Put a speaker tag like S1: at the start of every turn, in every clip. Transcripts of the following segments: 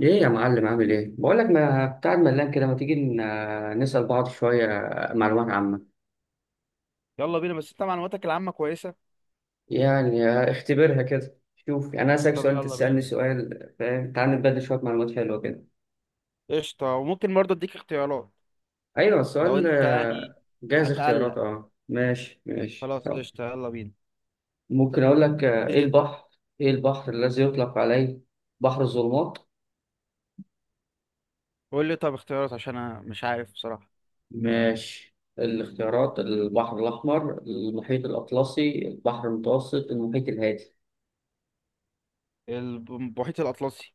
S1: ايه يا معلم، عامل ايه؟ بقول لك ما بتاع ملان كده، ما تيجي نسأل بعض شوية معلومات عامة.
S2: يلا بينا، بس انت معلوماتك العامة كويسة.
S1: يعني اختبرها كده، شوف. يعني انا اسألك
S2: طب
S1: سؤال انت
S2: يلا
S1: تسألني
S2: بينا.
S1: سؤال، فاهم؟ تعال نتبادل شوية معلومات حلوة كده.
S2: قشطة. وممكن برضه اديك اختيارات.
S1: ايوه
S2: لو
S1: السؤال،
S2: انت يعني
S1: جاهز
S2: هتقلق،
S1: اختيارات؟ اه ماشي ماشي
S2: خلاص
S1: طب.
S2: قشطة يلا بينا.
S1: ممكن اقول لك، ايه
S2: ابتدي انت.
S1: البحر، ايه البحر الذي يطلق عليه بحر الظلمات؟
S2: قول لي طب اختيارات عشان انا مش عارف بصراحة.
S1: ماشي. الاختيارات: البحر الأحمر، المحيط الأطلسي، البحر المتوسط، المحيط الهادي.
S2: المحيط الأطلسي.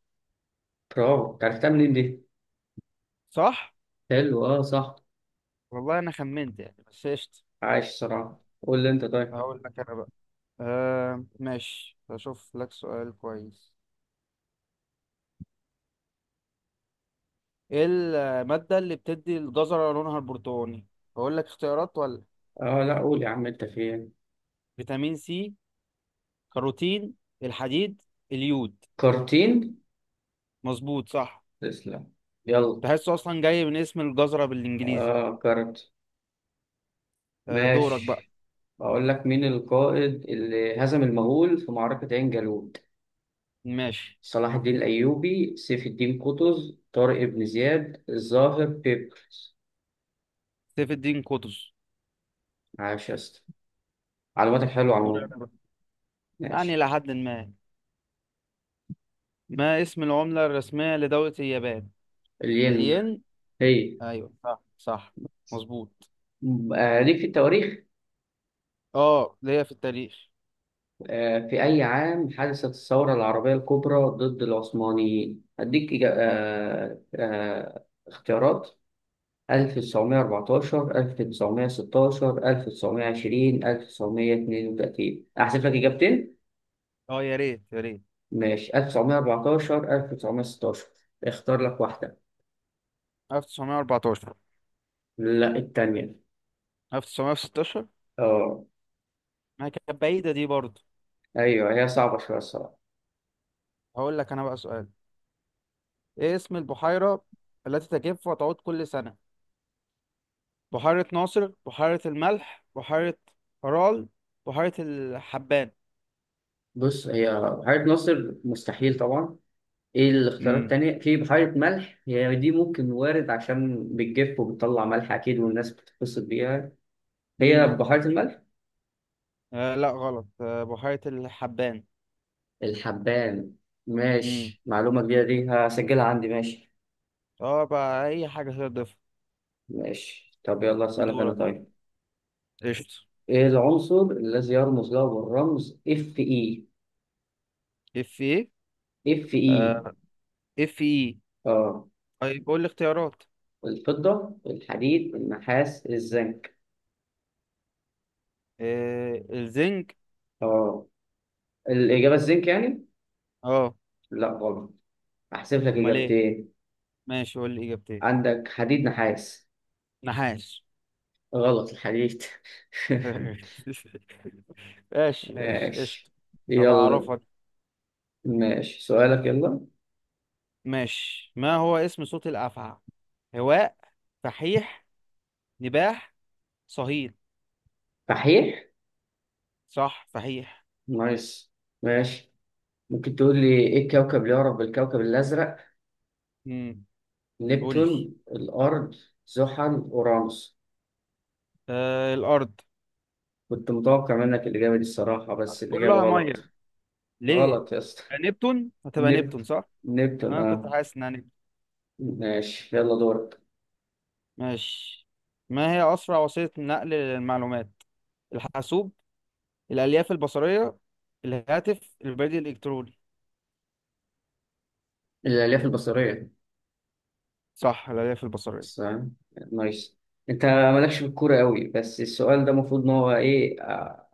S1: برافو، عرفتها منين دي؟
S2: صح؟
S1: حلو، اه صح.
S2: والله انا خمنت يعني، بس قشطة.
S1: عايش صراحة، قول لي انت طيب.
S2: هقول لك انا بقى. ماشي، هشوف لك سؤال كويس. ايه المادة اللي بتدي الجزرة لونها البرتقاني؟ هقول لك اختيارات ولا؟
S1: اه لا، قول يا عم انت فين.
S2: فيتامين سي، كاروتين، الحديد، اليود.
S1: كارتين.
S2: مظبوط صح.
S1: تسلم. يلا.
S2: تحسه اصلا جاي من اسم الجزرة بالانجليزي.
S1: اه كارت.
S2: دورك بقى.
S1: ماشي. بقول لك، مين القائد اللي هزم المغول في معركة عين جالوت؟
S2: ماشي.
S1: صلاح الدين الأيوبي، سيف الدين قطز، طارق بن زياد، الظاهر بيبرس.
S2: سيف الدين قطز.
S1: عاش يا اسطى، معلوماتك حلوة
S2: دوري
S1: عموما.
S2: أنا بقى. يعني
S1: ماشي.
S2: لحد ما ما اسم العملة الرسمية لدولة اليابان؟
S1: الين.
S2: الين.
S1: هي.
S2: ايوه صح صح، مظبوط.
S1: آه ليك في التواريخ.
S2: اه ليا في التاريخ.
S1: في أي عام حدثت الثورة العربية الكبرى ضد العثمانيين؟ أديك اختيارات: 1914، 1916، 1920، 1932. أحذف لك إجابتين؟
S2: اه يا ريت يا ريت.
S1: ماشي، 1914، 1916. اختار لك واحدة.
S2: 1914
S1: لا التانية.
S2: 1916.
S1: اه.
S2: ما كانت بعيدة دي برضه.
S1: أيوه هي صعبة شوية الصراحة.
S2: هقول لك انا بقى سؤال. ايه اسم البحيرة التي تجف وتعود كل سنة؟ بحيرة ناصر، بحيرة الملح، بحيرة فرال، بحيرة الحبان.
S1: بص، هي حاجة ناصر مستحيل طبعا. ايه الاختيارات
S2: امم.
S1: التانية، في بحيرة ملح، هي دي ممكن وارد عشان بتجف وبتطلع ملح اكيد والناس بتتبسط بيها. هي
S2: امم.
S1: بحيرة الملح.
S2: لا غلط، بحيرة الحبان.
S1: الحبان؟
S2: امم.
S1: ماشي، معلومة جديدة دي هسجلها عندي. ماشي
S2: اه بقى اي حاجة تقدر تضيفها.
S1: ماشي. طب يلا اسألك انا
S2: دورك بقى.
S1: طيب.
S2: قشطة.
S1: ايه العنصر الذي يرمز له بالرمز اف اي؟
S2: اف ايه.
S1: اف اي.
S2: آه. اف ايه.
S1: اه،
S2: طيب قول لي اختيارات.
S1: الفضة، الحديد، النحاس، الزنك.
S2: الزنج.
S1: اه، الإجابة الزنك يعني؟
S2: اه.
S1: لا غلط. هحسب لك
S2: امال ايه؟
S1: إجابتين.
S2: ماشي قول لي اجابتين.
S1: عندك حديد، نحاس.
S2: نحاس.
S1: غلط، الحديد.
S2: ماشي ماشي قشطة.
S1: ماشي.
S2: هبقى
S1: يلا.
S2: اعرفك.
S1: ماشي، سؤالك يلا.
S2: ماشي. ما هو اسم صوت الافعى؟ هواء، فحيح، نباح، صهيل.
S1: صحيح.
S2: صح فحيح.
S1: نايس. ماشي. ممكن تقول لي، ايه الكوكب اللي يعرف بالكوكب الأزرق؟
S2: امم. قول لي.
S1: نبتون، الأرض، زحل، أورانوس.
S2: الارض.
S1: كنت متوقع منك الإجابة دي الصراحة، بس الإجابة
S2: كلها ميه،
S1: غلط.
S2: ليه؟
S1: غلط يا اسطى.
S2: نبتون، هتبقى
S1: نب
S2: نبتون صح.
S1: نبتون
S2: انا
S1: اه.
S2: كنت حاسس انها نبتون.
S1: ماشي يلا دورك.
S2: ماشي. ما هي اسرع وسيله نقل للمعلومات؟ الحاسوب، الالياف البصريه، الهاتف، البريد الالكتروني.
S1: الألياف البصرية.
S2: صح الالياف
S1: بس،
S2: البصريه.
S1: آه. نايس. انت مالكش في الكورة قوي، بس السؤال ده المفروض ان هو ايه،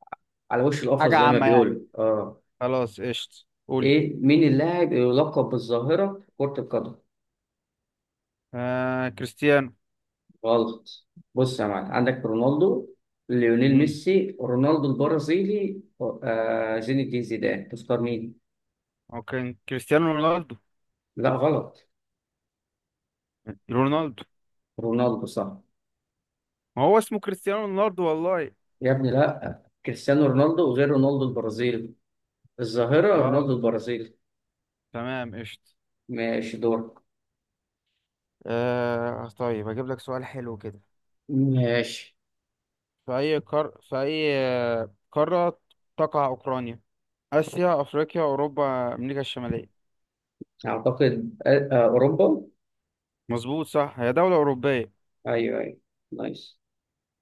S1: على وش القفص
S2: حاجه
S1: زي ما
S2: عامه يعني.
S1: بيقولوا اه.
S2: خلاص قشط قول.
S1: ايه مين اللاعب اللي يلقب بالظاهرة في كرة القدم؟
S2: كريستيانو.
S1: غلط. بص يا معلم، عندك رونالدو، ليونيل
S2: امم.
S1: ميسي، رونالدو البرازيلي، زين الدين زيدان. تختار مين؟
S2: اوكي كريستيانو رونالدو.
S1: لا غلط.
S2: رونالدو.
S1: رونالدو صح.
S2: ما هو اسمه كريستيانو رونالدو والله.
S1: يا ابني لا، كريستيانو رونالدو غير رونالدو البرازيلي. الظاهرة
S2: اه
S1: رونالدو البرازيلي.
S2: تمام قشط.
S1: ماشي دورك.
S2: طيب اجيب لك سؤال حلو كده.
S1: ماشي.
S2: في أي قارة تقع أوكرانيا؟ آسيا، أفريقيا، أوروبا، أمريكا الشمالية.
S1: أعتقد أوروبا.
S2: مظبوط صح، هي دولة أوروبية.
S1: أيوه أيوه. نايس.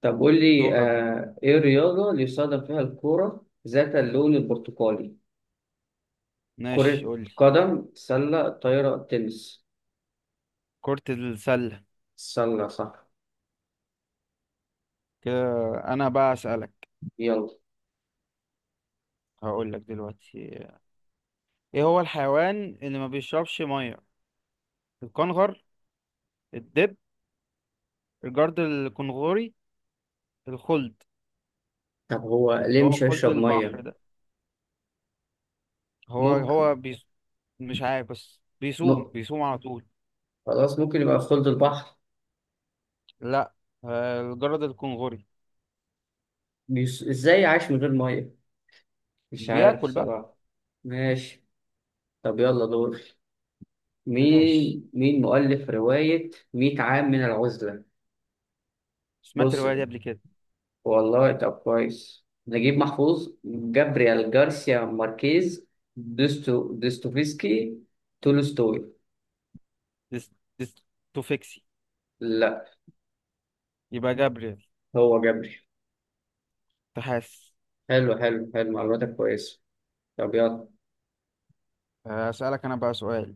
S1: طب قول لي،
S2: دورك بقى.
S1: ايه الرياضة اللي يستخدم فيها الكورة ذات اللون البرتقالي؟
S2: ماشي
S1: كرة
S2: قولي.
S1: قدم، سلة، طايرة، تنس.
S2: كرة السلة.
S1: سلة صح.
S2: كده أنا بقى أسألك.
S1: يلا.
S2: هقولك دلوقتي. إيه هو الحيوان اللي ما بيشربش مية؟ الكنغر، الدب، الجرد الكنغوري، الخلد.
S1: طب هو ليه
S2: اللي هو
S1: مش
S2: خلد
S1: هيشرب مية؟
S2: البحر ده. هو هو
S1: ممكن.
S2: بيس... مش عارف بس
S1: م...
S2: بيصوم بيصوم على طول.
S1: خلاص ممكن يبقى في خلد البحر.
S2: لا، الجرد الكنغوري.
S1: ازاي عايش من غير مية؟ مش عارف
S2: بياكل بقى.
S1: صراحة. ماشي. طب يلا دور.
S2: ماشي.
S1: مين مؤلف رواية 100 عام من العزلة؟
S2: سمعت
S1: بص،
S2: الرواية دي قبل كده.
S1: والله طب كويس: نجيب محفوظ، جابريال جارسيا ماركيز، دوستوفسكي، تولستوي.
S2: ديس... ديستوفيكسي.
S1: لا.
S2: يبقى جابريل.
S1: هو جابريل.
S2: تحاس.
S1: حلو حلو حلو، معلوماتك كويسة. طب يلا.
S2: أسألك أنا بقى سؤال.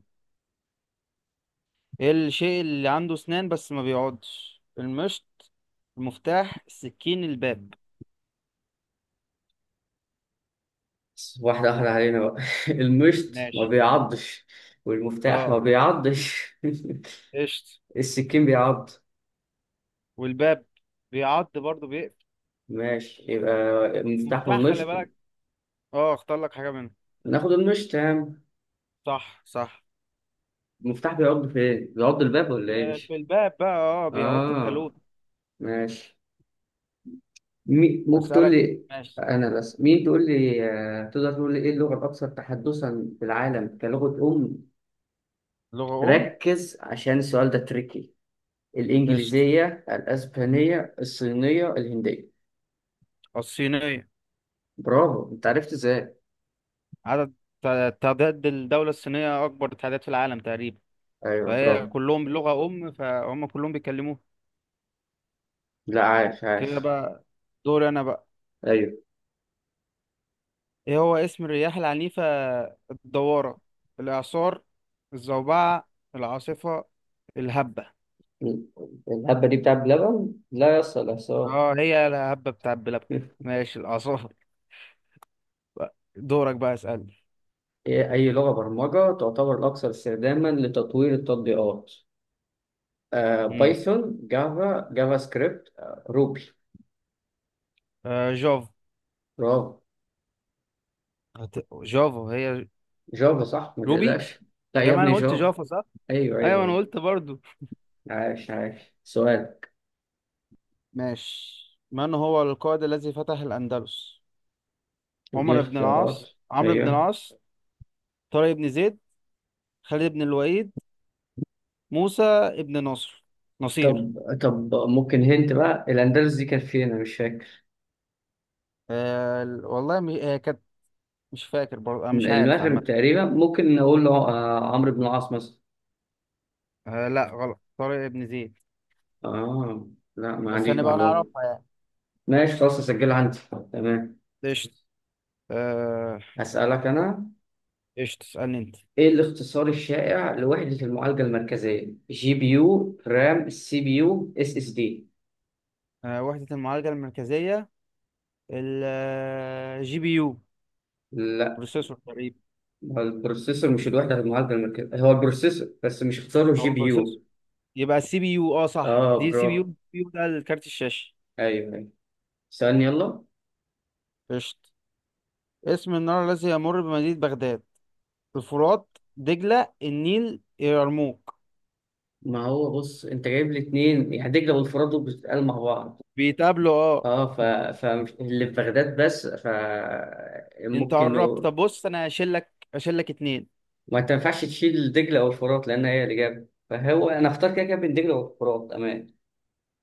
S2: إيه الشيء اللي عنده أسنان بس ما بيقعدش؟ المشط، المفتاح، السكين، الباب.
S1: بس واحدة واحدة علينا بقى. المشط ما
S2: ماشي.
S1: بيعضش، والمفتاح
S2: اه
S1: ما بيعضش.
S2: قشط.
S1: السكين بيعض.
S2: والباب بيعض برضه، بيقفل.
S1: ماشي، يبقى المفتاح
S2: مفتاح خلي
S1: والمشط.
S2: بالك. اه اختار لك حاجة منهم.
S1: ناخد المشط يا عم.
S2: صح صح.
S1: المفتاح بيعض فين؟ بيعض الباب ولا ايه،
S2: في
S1: مش؟
S2: الباب بقى، اه بيعض الكالوت.
S1: اه. ماشي. ممكن تقول
S2: أسألك.
S1: لي.
S2: ماشي.
S1: انا بس مين تقول لي، تقدر تقول لي ايه اللغه الاكثر تحدثا في العالم كلغه ام؟
S2: لغة أم.
S1: ركز عشان السؤال ده تريكي.
S2: قشط.
S1: الانجليزيه،
S2: مم.
S1: الاسبانيه، الصينيه، الهنديه.
S2: الصينية.
S1: برافو، انت عرفت ازاي؟
S2: عدد، تعداد الدولة الصينية أكبر تعداد في العالم تقريبا.
S1: ايوه
S2: فهي
S1: برافو.
S2: كلهم لغة أم، فهم كلهم بيتكلموها.
S1: لا عاش
S2: كده
S1: عاش.
S2: بقى. دوري أنا بقى.
S1: ايوه.
S2: إيه هو اسم الرياح العنيفة؟ الدوارة، الإعصار، الزوبعة، العاصفة، الهبة.
S1: الهبه دي بتاع بلبن، لا يصل احصاء.
S2: اه هي الهبة بتاع بلبن. ماشي الإعصار بقى. دورك بقى اسألني.
S1: إيه اي لغه برمجه تعتبر الاكثر استخداما لتطوير التطبيقات؟
S2: امم.
S1: بايثون، جافا، جافا سكريبت، روبي.
S2: جافا.
S1: برافو.
S2: جافا هي.
S1: جافا صح ما
S2: روبي.
S1: تقلقش. لا
S2: هي
S1: يا
S2: ما
S1: ابني،
S2: أنا قلت
S1: جافا.
S2: جافا صح؟
S1: ايوه
S2: أيوة
S1: ايوه
S2: أنا
S1: أيوة.
S2: قلت برضو.
S1: عاش عاش سؤال.
S2: ماشي. من هو القائد الذي فتح الأندلس؟
S1: دي
S2: عمر بن العاص،
S1: اختيارات.
S2: عمرو بن
S1: ايوه.
S2: العاص، طارق بن زيد، خالد بن الوليد، موسى بن نصر، نصير.
S1: طب. طب ممكن هنت بقى، الاندلس دي كانت فين انا مش فاكر.
S2: والله هي كانت مش فاكر برضه، أنا مش عارف عامة.
S1: المغرب تقريبا، ممكن نقول له عمرو بن العاص مثلا.
S2: لا غلط، طارق بن زيد.
S1: اه لا، ما
S2: بس
S1: عنديش
S2: هنبقى
S1: معلومه.
S2: نعرفها يعني.
S1: ماشي خلاص، اسجلها عندي. تمام.
S2: قشطة. آه،
S1: هسألك انا.
S2: قشطة اسألني أنت.
S1: ايه الاختصار الشائع لوحدة المعالجة المركزية: جي بي يو، رام، سي بي يو، اس اس دي؟
S2: وحدة المعالجة المركزية. الجي بي يو.
S1: لا.
S2: بروسيسور تقريبا.
S1: هو البروسيسور، مش الوحدة في المعالجة المركزية، هو البروسيسور بس، مش اختاره جي
S2: هو
S1: بي
S2: بروسيسور.
S1: يو.
S2: يبقى السي بي يو، اه صح
S1: اه
S2: دي سي بي يو،
S1: برافو.
S2: السي بي يو ده الكارت الشاشة.
S1: ايوه ايوه. سألني يلا.
S2: قشط. اسم النهر الذي يمر بمدينة بغداد؟ الفرات، دجلة، النيل، يرموك.
S1: ما هو بص، انت جايب لي اتنين يعني: دجلة والفرات، دول بتتقال مع بعض.
S2: بيتقابلوا اه.
S1: اه فاللي في بغداد بس،
S2: انت
S1: ممكن
S2: قربت.
S1: نقول.
S2: طب بص انا هشيل لك اتنين.
S1: ما انت ما ينفعش تشيل دجلة او الفرات لان هي الاجابة، فهو انا اختار كده كده بين دجلة والفرات امان.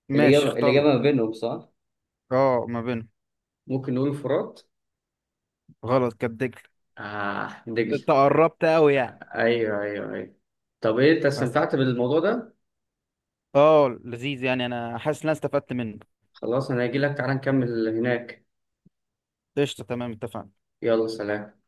S2: ماشي
S1: الاجابة،
S2: اختار
S1: الاجابة
S2: لك.
S1: ما بينهم صح.
S2: اه ما بينهم.
S1: ممكن نقول الفرات.
S2: غلط، كانت دجلة.
S1: اه دجلة.
S2: انت قربت قوي يعني.
S1: ايوه ايوه ايوه. طب ايه، انت
S2: أس-
S1: استمتعت بالموضوع ده؟
S2: اه لذيذ يعني، انا حاسس ان انا استفدت منه.
S1: خلاص انا هجيلك، تعالى نكمل هناك.
S2: قشطة تمام اتفقنا.
S1: يلا سلام.